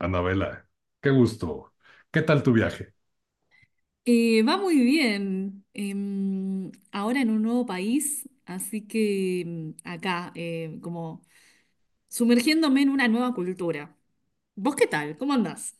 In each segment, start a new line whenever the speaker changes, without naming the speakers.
Anabela, qué gusto. ¿Qué tal tu viaje?
Va muy bien. Ahora en un nuevo país, así que acá, como sumergiéndome en una nueva cultura. ¿Vos qué tal? ¿Cómo andás?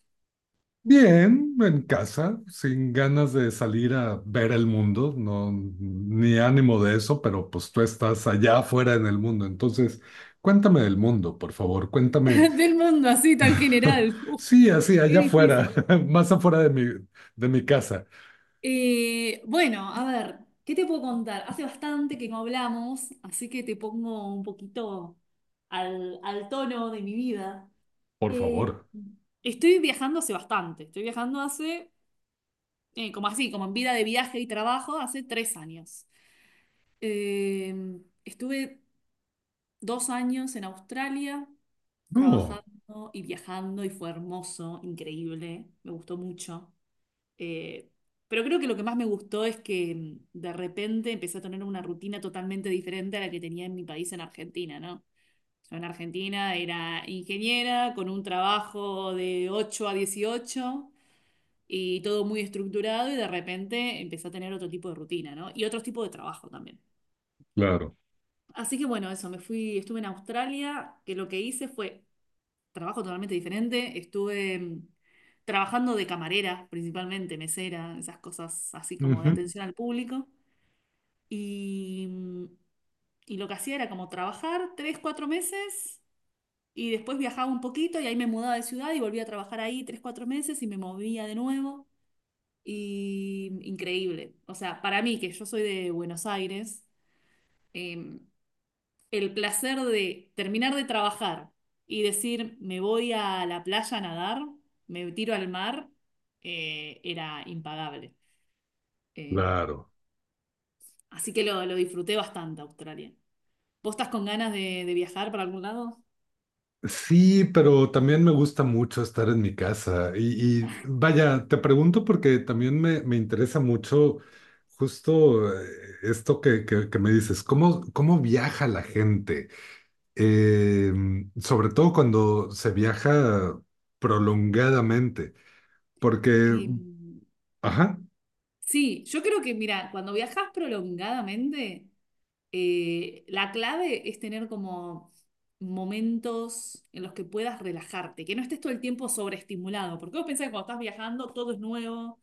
Bien, en casa, sin ganas de salir a ver el mundo, no, ni ánimo de eso, pero pues tú estás allá afuera en el mundo. Entonces, cuéntame del mundo, por favor, cuéntame.
Del mundo así tan general. Uf,
Sí, así,
qué
allá afuera,
difícil.
más afuera de mi casa,
Bueno, a ver, ¿qué te puedo contar? Hace bastante que no hablamos, así que te pongo un poquito al tono de mi vida.
por
Eh,
favor.
Estoy viajando hace bastante. Estoy viajando hace como así, como en vida de viaje y trabajo, hace 3 años. Eh, Estuve 2 años en Australia
No,
trabajando y viajando y fue hermoso, increíble, me gustó mucho. Eh, pero creo que lo que más me gustó es que de repente empecé a tener una rutina totalmente diferente a la que tenía en mi país, en Argentina, ¿no? Yo en Argentina era ingeniera con un trabajo de 8 a 18 y todo muy estructurado y de repente empecé a tener otro tipo de rutina, ¿no? Y otro tipo de trabajo también.
claro,
Así que bueno, eso, me fui, estuve en Australia, que lo que hice fue trabajo totalmente diferente, estuve trabajando de camarera principalmente, mesera, esas cosas así como de
ujú,
atención al público y, mm, y lo que hacía era como trabajar 3, 4 meses. Y después viajaba un poquito y ahí me mudaba de ciudad y volvía a trabajar ahí 3, 4 meses y me movía de nuevo. Y increíble. O sea, para mí, que yo soy de Buenos Aires, eh, el placer de terminar de trabajar y decir, me voy a la playa a nadar, me tiro al mar, era impagable. Eh,
claro.
Así que lo disfruté bastante, Australia. ¿Vos estás con ganas de, viajar para algún lado?
Sí, pero también me gusta mucho estar en mi casa. Y vaya, te pregunto porque también me interesa mucho justo esto que me dices, ¿cómo, cómo viaja la gente? Eh, Sobre todo cuando se viaja prolongadamente, porque,
Eh,
ajá,
sí, yo creo que, mira, cuando viajas prolongadamente. La clave es tener como momentos en los que puedas relajarte, que no estés todo el tiempo sobreestimulado, porque vos pensás que cuando estás viajando todo es nuevo,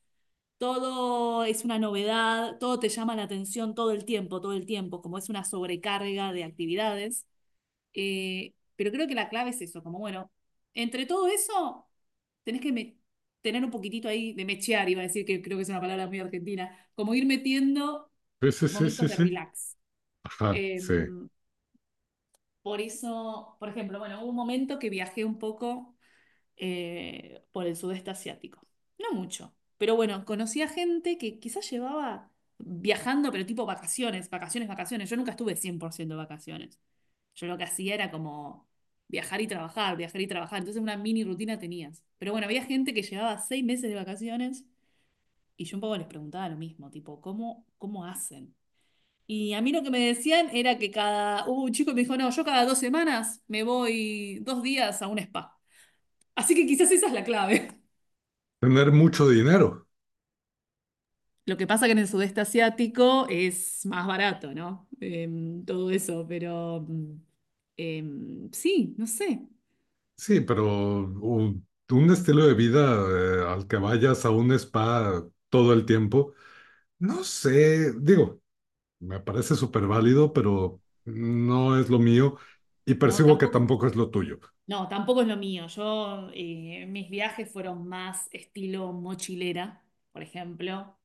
todo es una novedad, todo te llama la atención todo el tiempo, como es una sobrecarga de actividades. Pero creo que la clave es eso, como bueno, entre todo eso, tenés que me- tener un poquitito ahí de mechear, iba a decir que creo que es una palabra muy argentina, como ir metiendo
sí, sí, sí,
momentos
sí,
de
sí,
relax.
ajá, sí.
Em, por eso, por ejemplo, bueno, hubo un momento que viajé un poco por el sudeste asiático. No mucho, pero bueno, conocí a gente que quizás llevaba viajando, pero tipo vacaciones, vacaciones, vacaciones. Yo nunca estuve 100% de vacaciones. Yo lo que hacía era como viajar y trabajar, viajar y trabajar. Entonces una mini rutina tenías. Pero bueno, había gente que llevaba 6 meses de vacaciones y yo un poco les preguntaba lo mismo, tipo, ¿cómo, cómo hacen? Y a mí lo que me decían era que cada, hubo un chico que me dijo, no, yo cada 2 semanas me voy 2 días a un spa. Así que quizás esa es la clave.
Tener mucho dinero,
Lo que pasa que en el sudeste asiático es más barato, ¿no? Todo eso, pero sí, no sé.
sí, pero u- un estilo de vida al que vayas a un spa todo el tiempo. No sé, digo, me parece súper válido, pero no es lo mío y
No,
percibo que
tampoco,
tampoco es lo tuyo.
no, tampoco es lo mío. Yo, mis viajes fueron más estilo mochilera, por ejemplo.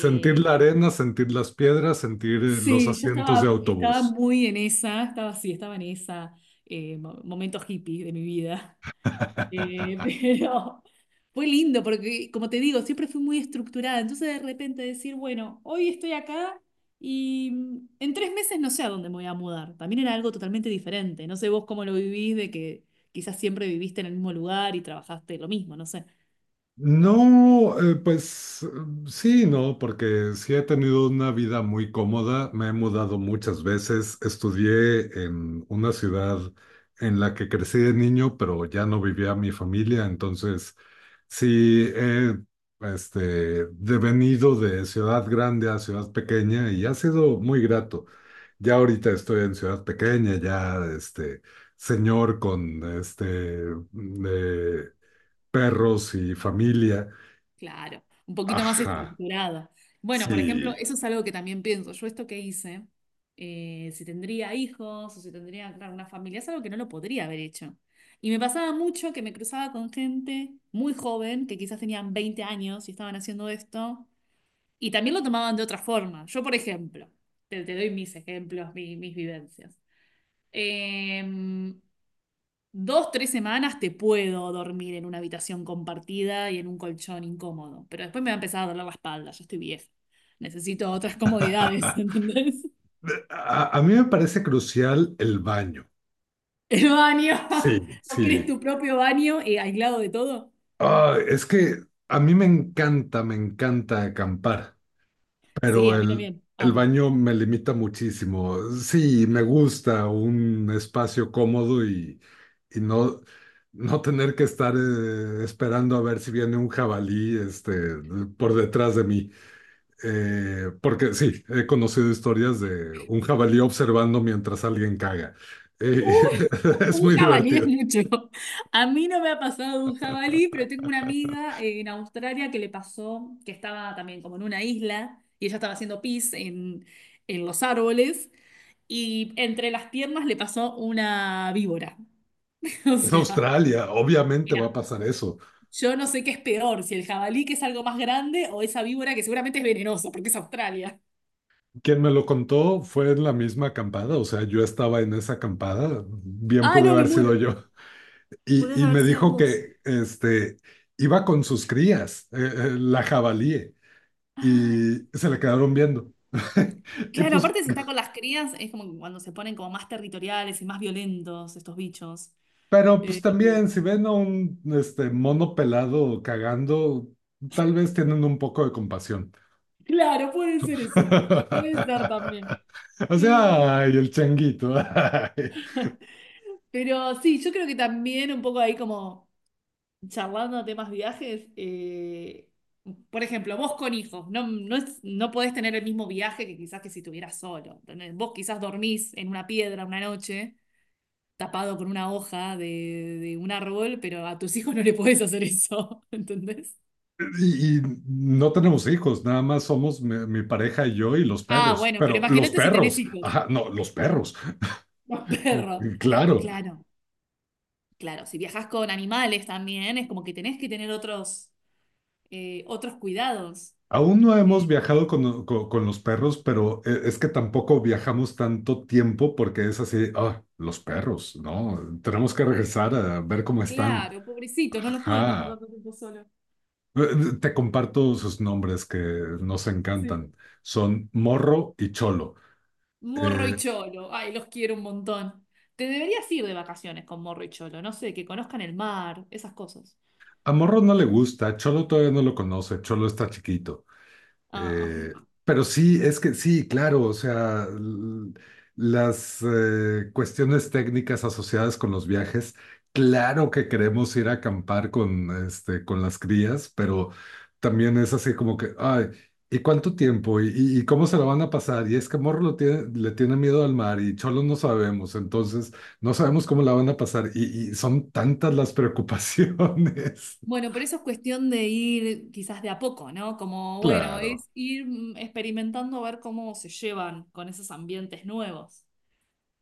Sentir la arena, sentir las piedras, sentir los
Sí, yo
asientos de
estaba
autobús.
muy en esa, estaba, sí, estaba en esa, momento hippie de mi vida. Pero fue lindo porque, como te digo, siempre fui muy estructurada. Entonces, de repente decir, bueno, hoy estoy acá y en 3 meses no sé a dónde me voy a mudar. También era algo totalmente diferente. No sé vos cómo lo vivís, de que quizás siempre viviste en el mismo lugar y trabajaste lo mismo, no sé.
No, pues sí, no, porque sí he tenido una vida muy cómoda, me he mudado muchas veces, estudié en una ciudad en la que crecí de niño, pero ya no vivía mi familia, entonces sí he este, devenido de ciudad grande a ciudad pequeña y ha sido muy grato. Ya ahorita estoy en ciudad pequeña, ya este señor con este... eh, perros y familia.
Claro, un poquito más
Ajá,
estructurada. Bueno, por ejemplo,
sí.
eso es algo que también pienso. Yo esto que hice, si tendría hijos o si tendría claro, una familia, es algo que no lo podría haber hecho. Y me pasaba mucho que me cruzaba con gente muy joven, que quizás tenían 20 años y estaban haciendo esto, y también lo tomaban de otra forma. Yo, por ejemplo, te doy mis ejemplos, mis vivencias. Em, 2, 3 semanas te puedo dormir en una habitación compartida y en un colchón incómodo, pero después me va a empezar a doler la espalda, yo estoy vieja. Necesito otras comodidades, ¿entendés?
A, a mí me parece crucial el baño.
El baño.
Sí,
¿O querés
sí.
tu propio baño aislado de todo?
Ah, es que a mí me encanta acampar,
Sí,
pero
a mí también.
el
Amo.
baño me limita muchísimo. Sí, me gusta un espacio cómodo y no, no tener que estar esperando a ver si viene un jabalí este, por detrás de mí. Porque sí, he conocido historias de un jabalí observando mientras alguien caga. Eh,
Un,
es
un
muy
jabalí es
divertido.
mucho. A mí no me ha pasado un jabalí, pero tengo una amiga en Australia que le pasó, que estaba también como en una isla y ella estaba haciendo pis en los árboles y entre las piernas le pasó una víbora. O
Es
sea,
Australia,
y
obviamente va a
nada.
pasar eso.
Yo no sé qué es peor, si el jabalí que es algo más grande o esa víbora que seguramente es venenosa porque es Australia.
Quien me lo contó fue en la misma acampada, o sea, yo estaba en esa acampada, bien
Ah,
pude
no, me
haber sido
muero.
yo.
Podrías
Y
haber
me
sido
dijo
vos.
que este, iba con sus crías, la jabalí,
Ay.
y se le quedaron viendo. Y
Claro,
pues
aparte si está con las crías, es como que cuando se ponen como más territoriales y más violentos estos bichos.
pero pues
Eh,
también, si ven a un este, mono pelado cagando, tal vez tienen un poco de compasión.
claro, puede ser eso. Puede ser también.
O sea,
Eh,
ay, el changuito. Ay.
pero sí, yo creo que también un poco ahí como charlando de temas viajes. Por ejemplo, vos con hijos, no, no, no podés tener el mismo viaje que quizás que si estuvieras solo. ¿Entendés? Vos quizás dormís en una piedra una noche, tapado con una hoja de, un árbol, pero a tus hijos no le podés hacer eso, ¿entendés?
Y no tenemos hijos, nada más somos mi, mi pareja y yo y los
Ah,
perros.
bueno, pero
Pero los
imagínate si tenés
perros,
hijos,
ajá, no, los perros,
los perros.
claro.
Claro, claro. Si viajas con animales también, es como que tenés que tener otros cuidados.
Aún no hemos
Eh,
viajado con, con los perros, pero es que tampoco viajamos tanto tiempo porque es así, ah, los perros, ¿no? Tenemos que regresar a ver cómo están.
claro, pobrecito, no los pueden dejar
Ajá.
tanto tiempo solos.
Te comparto sus nombres que nos
Sí.
encantan. Son Morro y Cholo.
Morro y
Eh,
Cholo, ay, los quiero un montón. Te deberías ir de vacaciones con Morro y Cholo, no sé, que conozcan el mar, esas cosas.
a Morro no le gusta, Cholo todavía no lo conoce, Cholo está chiquito.
Ah.
Eh, pero sí, es que sí, claro, o sea, las cuestiones técnicas asociadas con los viajes, claro que queremos ir a acampar con, este, con las crías, pero también es así como que, ay, ¿y cuánto tiempo? ¿Y, y cómo se lo van a pasar? Y es que Morro le tiene miedo al mar y Cholo no sabemos, entonces no sabemos cómo la van a pasar y son tantas las preocupaciones.
Bueno, pero eso es cuestión de ir quizás de a poco, ¿no? Como, bueno,
Claro,
es ir experimentando a ver cómo se llevan con esos ambientes nuevos.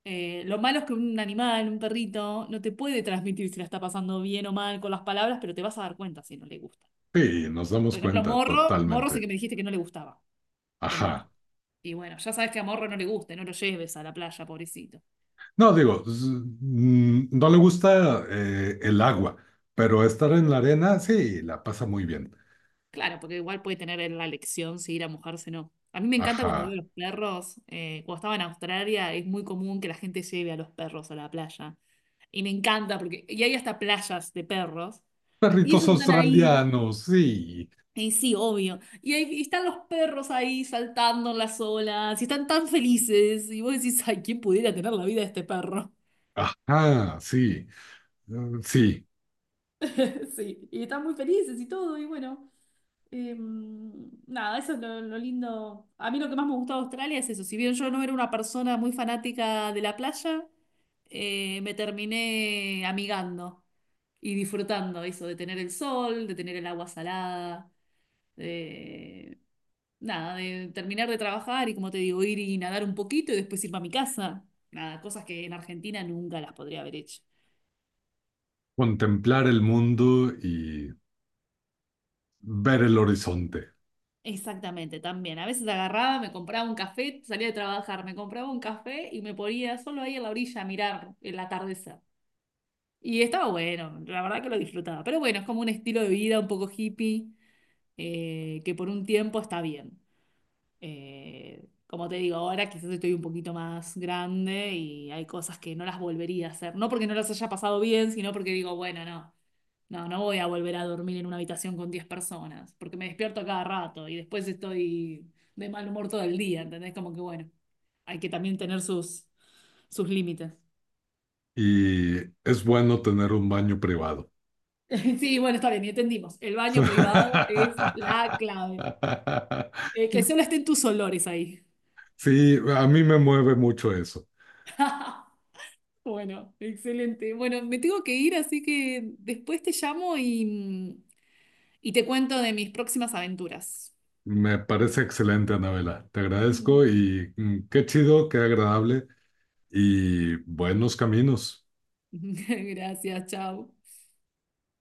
Lo malo es que un animal, un perrito, no te puede transmitir si la está pasando bien o mal con las palabras, pero te vas a dar cuenta si no le gusta.
sí, nos damos
Por ejemplo,
cuenta
Morro sé
totalmente.
que me dijiste que no le gustaba el
Ajá.
mar. Y bueno, ya sabes que a Morro no le gusta, no lo lleves a la playa, pobrecito.
No, digo, no le gusta el agua, pero estar en la arena, sí, la pasa muy bien.
Claro, porque igual puede tener en la elección si ir a mojarse o no. A mí me encanta cuando
Ajá.
veo los perros. Cuando estaba en Australia es muy común que la gente lleve a los perros a la playa. Y me encanta porque y hay hasta playas de perros. Y
Perritos
ellos están ahí.
australianos, sí.
Y sí, obvio. Y ahí y están los perros ahí saltando en las olas. Y están tan felices. Y vos decís, ay, ¿quién pudiera tener la vida de este perro?
Ajá, sí. Sí,
Sí, y están muy felices y todo, y bueno, eh, nada, eso es lo lindo. A mí lo que más me gustaba de Australia es eso, si bien yo no era una persona muy fanática de la playa, me terminé amigando y disfrutando eso, de tener el sol, de tener el agua salada, de nada, de terminar de trabajar y como te digo, ir y nadar un poquito y después irme a mi casa. Nada, cosas que en Argentina nunca las podría haber hecho.
contemplar el mundo y ver el horizonte.
Exactamente, también. A veces agarraba, me compraba un café, salía de trabajar, me compraba un café y me ponía solo ahí en la orilla a mirar el atardecer. Y estaba bueno, la verdad que lo disfrutaba. Pero bueno, es como un estilo de vida un poco hippie que por un tiempo está bien. Como te digo, ahora quizás estoy un poquito más grande y hay cosas que no las volvería a hacer. No porque no las haya pasado bien, sino porque digo, bueno, no. No, no voy a volver a dormir en una habitación con 10 personas, porque me despierto a cada rato y después estoy de mal humor todo el día, ¿entendés? Como que bueno, hay que también tener sus, sus límites.
Y es bueno tener un baño privado.
Sí, bueno, está bien, y entendimos. El baño privado es la clave. Que solo estén tus olores ahí.
Sí, a mí me mueve mucho eso.
Bueno, excelente. Bueno, me tengo que ir, así que después te llamo y te cuento de mis próximas aventuras.
Me parece excelente, Anabela. Te agradezco y qué chido, qué agradable y buenos caminos.
Gracias, chao.